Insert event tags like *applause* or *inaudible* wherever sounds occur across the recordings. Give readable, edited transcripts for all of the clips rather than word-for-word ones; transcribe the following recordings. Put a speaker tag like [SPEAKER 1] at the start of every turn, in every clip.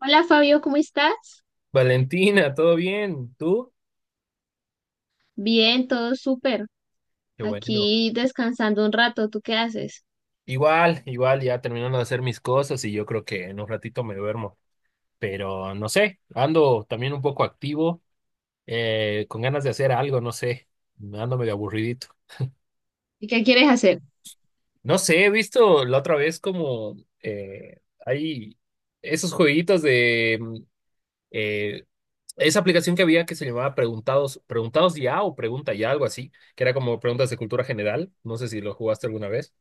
[SPEAKER 1] Hola Fabio, ¿cómo estás?
[SPEAKER 2] Valentina, ¿todo bien? ¿Tú?
[SPEAKER 1] Bien, todo súper.
[SPEAKER 2] Qué bueno.
[SPEAKER 1] Aquí descansando un rato, ¿tú qué haces?
[SPEAKER 2] Igual, igual, ya terminando de hacer mis cosas y yo creo que en un ratito me duermo. Pero no sé, ando también un poco activo, con ganas de hacer algo, no sé, ando medio aburridito.
[SPEAKER 1] ¿Y qué quieres hacer?
[SPEAKER 2] No sé, he visto la otra vez como hay esos jueguitos de eh, esa aplicación que había que se llamaba Preguntados, Preguntados ya o Pregunta ya, algo así, que era como preguntas de cultura general. No sé si lo jugaste alguna vez.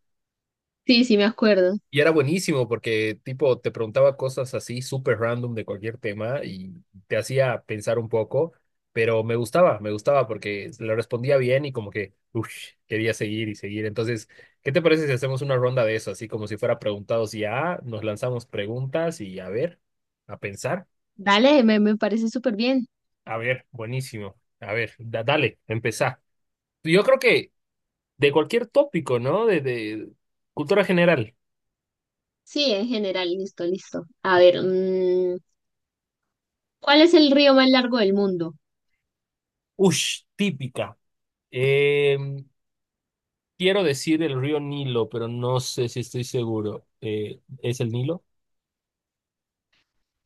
[SPEAKER 1] Sí, sí, me acuerdo.
[SPEAKER 2] Y era buenísimo porque, tipo, te preguntaba cosas así súper random de cualquier tema y te hacía pensar un poco, pero me gustaba porque le respondía bien y como que, uff, quería seguir y seguir. Entonces, ¿qué te parece si hacemos una ronda de eso? Así como si fuera preguntados y ya, nos lanzamos preguntas y a ver, a pensar.
[SPEAKER 1] Dale, me parece súper bien.
[SPEAKER 2] A ver, buenísimo. A ver, dale, empezá. Yo creo que de cualquier tópico, ¿no? De cultura general.
[SPEAKER 1] Sí, en general, listo, listo. A ver, ¿cuál es el río más largo del mundo?
[SPEAKER 2] Ush, típica. Em, Quiero decir el río Nilo, pero no sé si estoy seguro. ¿Es el Nilo?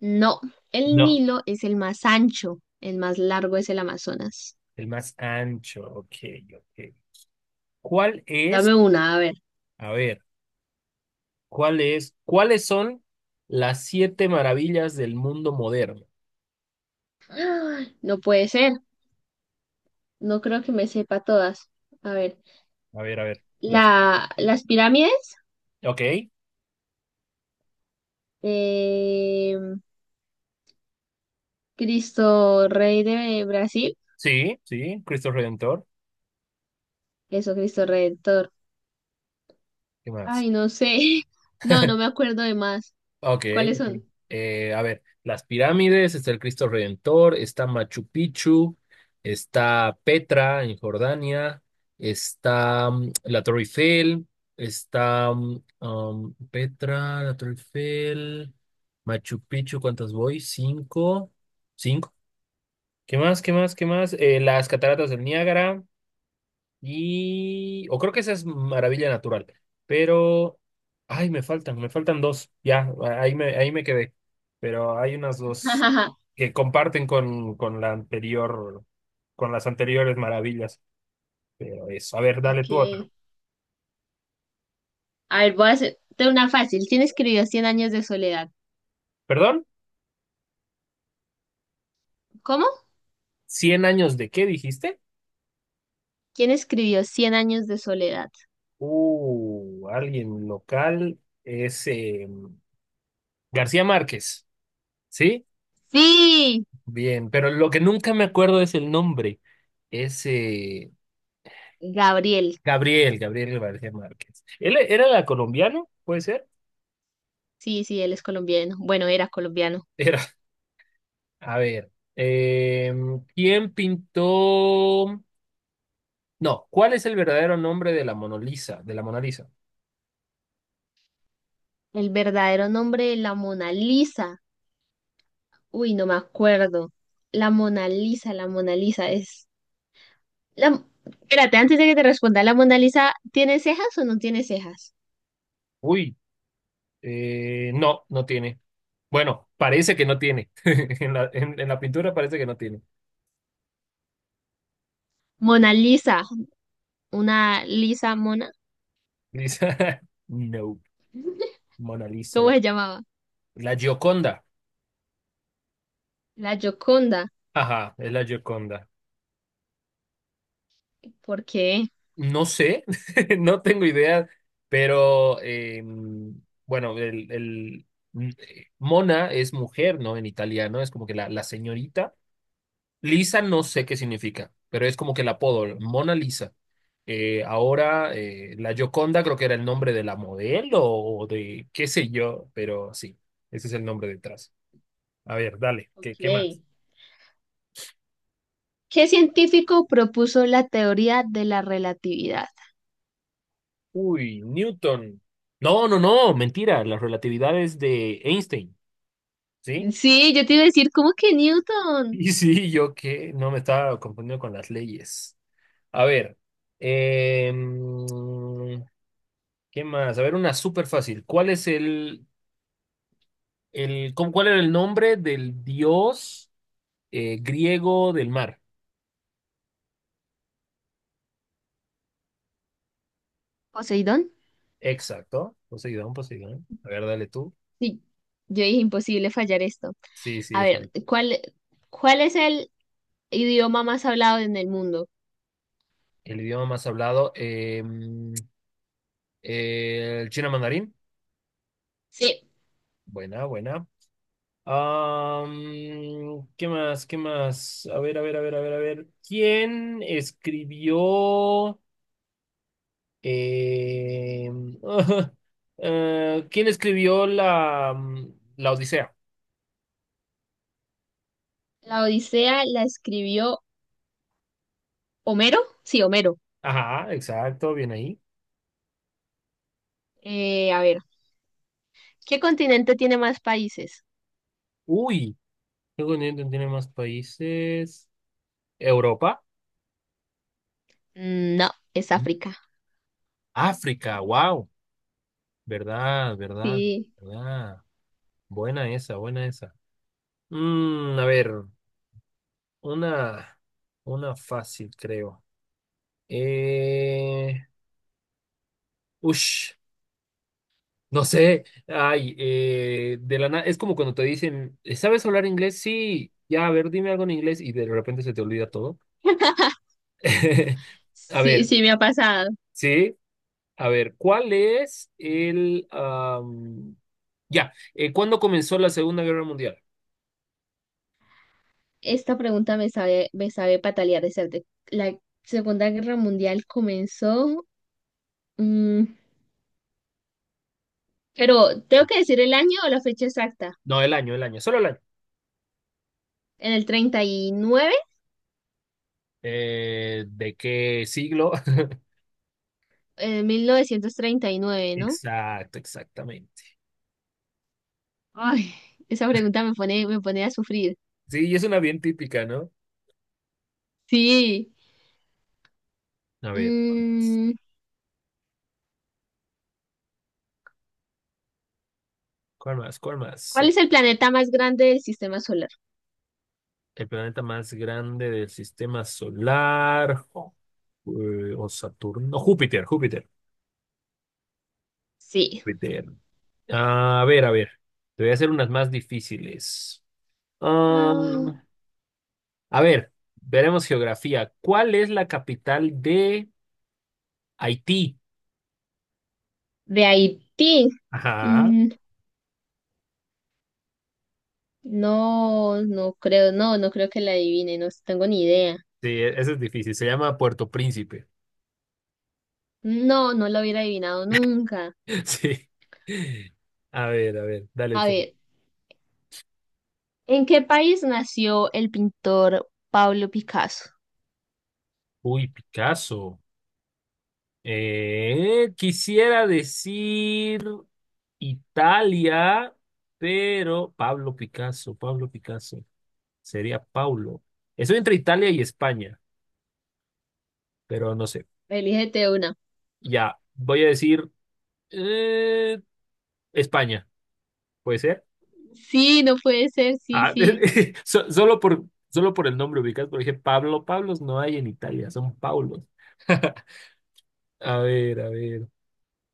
[SPEAKER 1] No, el
[SPEAKER 2] No,
[SPEAKER 1] Nilo es el más ancho, el más largo es el Amazonas.
[SPEAKER 2] el más ancho. Ok, ok. ¿Cuál es?
[SPEAKER 1] Dame una, a ver.
[SPEAKER 2] A ver, ¿cuál es? ¿Cuáles son las siete maravillas del mundo moderno?
[SPEAKER 1] ¡Ah! No puede ser, no creo que me sepa todas. A ver,
[SPEAKER 2] A ver, a ver. Las...
[SPEAKER 1] las pirámides.
[SPEAKER 2] Ok,
[SPEAKER 1] Eh, Cristo Rey de Brasil.
[SPEAKER 2] sí, sí, Cristo Redentor.
[SPEAKER 1] Eso, Cristo Redentor.
[SPEAKER 2] ¿Qué más?
[SPEAKER 1] Ay, no sé. *laughs* No, no me acuerdo de más.
[SPEAKER 2] Ok,
[SPEAKER 1] ¿Cuáles
[SPEAKER 2] ok.
[SPEAKER 1] son?
[SPEAKER 2] A ver, las pirámides, está el Cristo Redentor, está Machu Picchu, está Petra en Jordania, está la Torre Eiffel, está Petra, la Torre Eiffel, Machu Picchu, ¿cuántas voy? Cinco, cinco. ¿Qué más? ¿Qué más? ¿Qué más? Las cataratas del Niágara. Y. O creo que esa es Maravilla Natural. Pero. Ay, me faltan dos. Ya, ahí me quedé. Pero hay unas dos
[SPEAKER 1] *laughs*
[SPEAKER 2] que comparten con la anterior, con las anteriores maravillas. Pero eso, a ver, dale
[SPEAKER 1] Ok.
[SPEAKER 2] tú otra.
[SPEAKER 1] A ver, voy a hacerte una fácil. ¿Quién escribió Cien años de soledad?
[SPEAKER 2] ¿Perdón?
[SPEAKER 1] ¿Cómo?
[SPEAKER 2] ¿Cien años de qué dijiste?
[SPEAKER 1] ¿Quién escribió Cien años de soledad?
[SPEAKER 2] Alguien local es García Márquez. ¿Sí?
[SPEAKER 1] Sí,
[SPEAKER 2] Bien, pero lo que nunca me acuerdo es el nombre. Es.
[SPEAKER 1] Gabriel.
[SPEAKER 2] Gabriel, Gabriel García Márquez. ¿Él era la colombiano? ¿Puede ser?
[SPEAKER 1] Sí, sí, él es colombiano. Bueno, era colombiano.
[SPEAKER 2] *laughs* Era. A ver. eh, ¿Quién pintó? No, ¿cuál es el verdadero nombre de la Mona Lisa? De la Mona Lisa.
[SPEAKER 1] El verdadero nombre de la Mona Lisa. Uy, no me acuerdo. La Mona Lisa es espérate, antes de que te responda, ¿la Mona Lisa tiene cejas o no tiene cejas?
[SPEAKER 2] Uy, no, no tiene. Bueno, parece que no tiene. *laughs* En en la pintura parece que no tiene.
[SPEAKER 1] Mona Lisa, una Lisa mona,
[SPEAKER 2] Lisa. *laughs* No, Mona Lisa.
[SPEAKER 1] ¿cómo
[SPEAKER 2] La,
[SPEAKER 1] se llamaba?
[SPEAKER 2] la Gioconda.
[SPEAKER 1] La Gioconda,
[SPEAKER 2] Ajá, es la Gioconda.
[SPEAKER 1] ¿por qué?
[SPEAKER 2] No sé, *laughs* no tengo idea, pero bueno, Mona es mujer, ¿no? En italiano es como que la señorita. Lisa no sé qué significa, pero es como que el apodo, Mona Lisa. Ahora, la Gioconda creo que era el nombre de la modelo o de qué sé yo, pero sí, ese es el nombre detrás. A ver, dale,
[SPEAKER 1] Ok.
[SPEAKER 2] ¿qué más?
[SPEAKER 1] ¿Qué científico propuso la teoría de la relatividad?
[SPEAKER 2] Uy, Newton. No, no, no, mentira, la relatividad es de Einstein, ¿sí?
[SPEAKER 1] Sí, yo te iba a decir, ¿cómo que Newton?
[SPEAKER 2] Y sí, yo que no me estaba confundiendo con las leyes. A ver, em, ¿qué más? A ver, una súper fácil. ¿Cuál es cuál era el nombre del dios griego del mar?
[SPEAKER 1] ¿Poseidón?
[SPEAKER 2] Exacto. Poseidón, Poseidón. A ver, dale tú.
[SPEAKER 1] Sí, yo dije imposible fallar esto.
[SPEAKER 2] Sí, sí,
[SPEAKER 1] A
[SPEAKER 2] es
[SPEAKER 1] ver, ¿cuál es el idioma más hablado en el mundo?
[SPEAKER 2] el idioma más hablado. El chino mandarín.
[SPEAKER 1] Sí,
[SPEAKER 2] Buena, buena. ¿Qué más? ¿Qué más? A ver, a ver, a ver, a ver, a ver. ¿Quién escribió? eh, *laughs* ¿Quién escribió la Odisea?
[SPEAKER 1] la Odisea la escribió Homero. Sí, Homero.
[SPEAKER 2] Ajá, exacto, bien ahí.
[SPEAKER 1] A ver, ¿qué continente tiene más países?
[SPEAKER 2] Uy, ¿qué continente tiene más países? Europa,
[SPEAKER 1] Mm, no, es
[SPEAKER 2] Ujú.
[SPEAKER 1] África.
[SPEAKER 2] África, wow, verdad, verdad,
[SPEAKER 1] Sí,
[SPEAKER 2] verdad. Buena esa, buena esa. A ver, una, una fácil, creo. Eh, Ush, no sé. Ay, de la nada. Es como cuando te dicen, ¿Sabes hablar inglés? Sí, ya, a ver, dime algo en inglés y de repente se te olvida todo.
[SPEAKER 1] *laughs*
[SPEAKER 2] *laughs* A
[SPEAKER 1] sí,
[SPEAKER 2] ver,
[SPEAKER 1] sí me ha pasado.
[SPEAKER 2] sí. A ver, ¿cuál es el... am, ya, ¿cuándo comenzó la Segunda Guerra Mundial?
[SPEAKER 1] Esta pregunta me sabe patalear de certe. La Segunda Guerra Mundial comenzó, mm, pero tengo que decir el año o la fecha exacta.
[SPEAKER 2] No, el año, solo el año.
[SPEAKER 1] En el 39,
[SPEAKER 2] ¿De qué siglo? *laughs*
[SPEAKER 1] en 1939, ¿no?
[SPEAKER 2] Exacto, exactamente.
[SPEAKER 1] Ay, esa pregunta me pone a sufrir.
[SPEAKER 2] Sí, y es una bien típica, ¿no?
[SPEAKER 1] Sí.
[SPEAKER 2] A ver, ¿cuál más?
[SPEAKER 1] Mm,
[SPEAKER 2] ¿Cuál más? ¿Cuál más?
[SPEAKER 1] ¿cuál es el planeta más grande del sistema solar?
[SPEAKER 2] El planeta más grande del sistema solar. O Saturno. No, Júpiter, Júpiter,
[SPEAKER 1] Sí.
[SPEAKER 2] Júpiter. A ver, a ver. Te voy a hacer unas más difíciles.
[SPEAKER 1] Ah,
[SPEAKER 2] Um, a ver, veremos geografía. ¿Cuál es la capital de Haití?
[SPEAKER 1] de Haití.
[SPEAKER 2] Ajá.
[SPEAKER 1] Mm, no creo que la adivine, no tengo ni idea.
[SPEAKER 2] Sí, eso es difícil. Se llama Puerto Príncipe.
[SPEAKER 1] No, no la hubiera adivinado nunca.
[SPEAKER 2] *laughs* Sí. A ver, dale.
[SPEAKER 1] A
[SPEAKER 2] tú.
[SPEAKER 1] ver, ¿en qué país nació el pintor Pablo Picasso?
[SPEAKER 2] Uy, Picasso. Quisiera decir Italia, pero Pablo Picasso, Pablo Picasso, sería Paulo. Estoy entre Italia y España, pero no sé.
[SPEAKER 1] Elígete una.
[SPEAKER 2] Ya, voy a decir eh, España, ¿puede ser?
[SPEAKER 1] Sí, no puede ser, sí,
[SPEAKER 2] Ah,
[SPEAKER 1] sí.
[SPEAKER 2] *laughs* so- solo por, solo por el nombre ubicas, porque dije Pablo, Pablos no hay en Italia, son Paulos. A ver, a ver.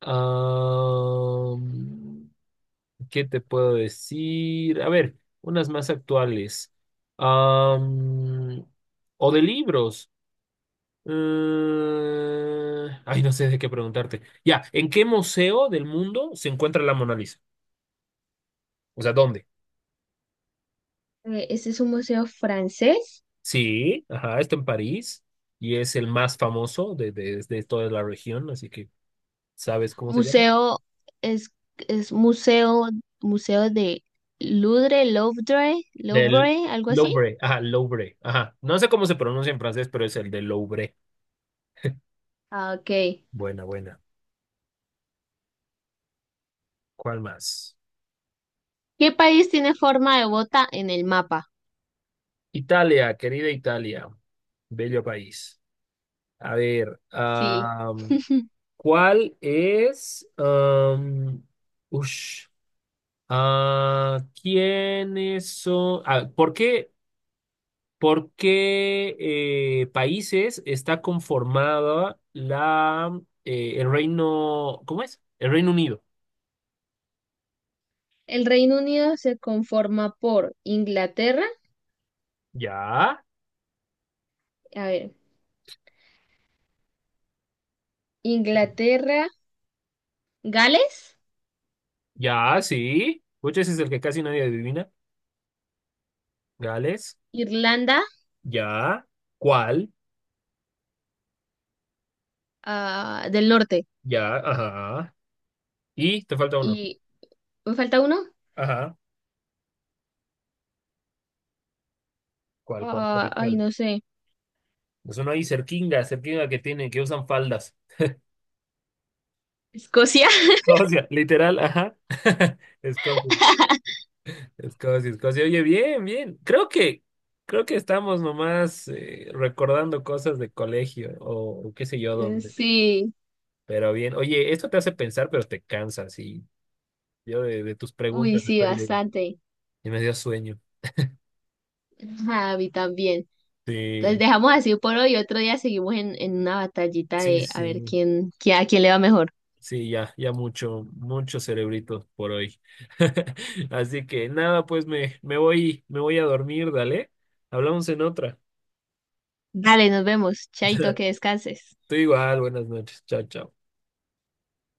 [SPEAKER 2] Ah, ¿qué te puedo decir? A ver, unas más actuales. Am, o de libros. Ay, no sé de qué preguntarte. Ya, ¿en qué museo del mundo se encuentra la Mona Lisa? O sea, ¿dónde?
[SPEAKER 1] ¿Este es un museo francés?
[SPEAKER 2] Sí, ajá, está en París y es el más famoso de toda la región, así que ¿sabes cómo se llama?
[SPEAKER 1] Museo, es, es museo, museo de Louvre, Louvre,
[SPEAKER 2] Del
[SPEAKER 1] Louvre, algo así.
[SPEAKER 2] Louvre, ajá, Louvre, ajá. No sé cómo se pronuncia en francés, pero es el del Louvre.
[SPEAKER 1] Ah, ok.
[SPEAKER 2] Buena, buena. ¿Cuál más?
[SPEAKER 1] ¿Qué país tiene forma de bota en el mapa?
[SPEAKER 2] Italia, querida Italia, bello país. A ver,
[SPEAKER 1] Sí,
[SPEAKER 2] ¿cuál es? Ush, ah, ¿quiénes son? Ah, ¿por qué países está conformada la el Reino, ¿cómo es? El Reino Unido.
[SPEAKER 1] el Reino Unido se conforma por Inglaterra,
[SPEAKER 2] Ya,
[SPEAKER 1] a ver, Inglaterra, Gales,
[SPEAKER 2] ya, sí. Pucha, ese es el que casi nadie adivina. Gales,
[SPEAKER 1] Irlanda,
[SPEAKER 2] ya. ¿Cuál?
[SPEAKER 1] ah, del Norte.
[SPEAKER 2] Ya, ajá. Y te falta uno.
[SPEAKER 1] ¿Y me falta uno?
[SPEAKER 2] Ajá. ¿Cuál, cuál,
[SPEAKER 1] Ah,
[SPEAKER 2] cuál,
[SPEAKER 1] ay,
[SPEAKER 2] cuál?
[SPEAKER 1] no sé.
[SPEAKER 2] Es uno ahí cerquinga, cerquinga que tiene, que usan faldas.
[SPEAKER 1] ¿Escocia? *laughs*
[SPEAKER 2] Escocia, literal, ajá. *laughs* Escocia, Escocia, Escocia. Oye, bien, bien. Creo que estamos nomás recordando cosas de colegio o qué sé yo dónde.
[SPEAKER 1] Sí,
[SPEAKER 2] Pero bien, oye, esto te hace pensar, pero te cansas. Y yo de tus
[SPEAKER 1] uy,
[SPEAKER 2] preguntas
[SPEAKER 1] sí,
[SPEAKER 2] estoy de,
[SPEAKER 1] bastante.
[SPEAKER 2] y me dio sueño.
[SPEAKER 1] Ajá, a mí también. Entonces
[SPEAKER 2] Sí,
[SPEAKER 1] dejamos así por hoy. Otro día seguimos en una batallita
[SPEAKER 2] sí,
[SPEAKER 1] de a ver
[SPEAKER 2] sí.
[SPEAKER 1] quién, a quién le va mejor.
[SPEAKER 2] Sí, ya, ya mucho, mucho cerebrito por hoy. *laughs* Así que nada, pues me voy a dormir, dale. Hablamos en otra.
[SPEAKER 1] Dale, nos vemos. Chaito,
[SPEAKER 2] *laughs*
[SPEAKER 1] que descanses.
[SPEAKER 2] Tú igual, buenas noches. Chao, chao.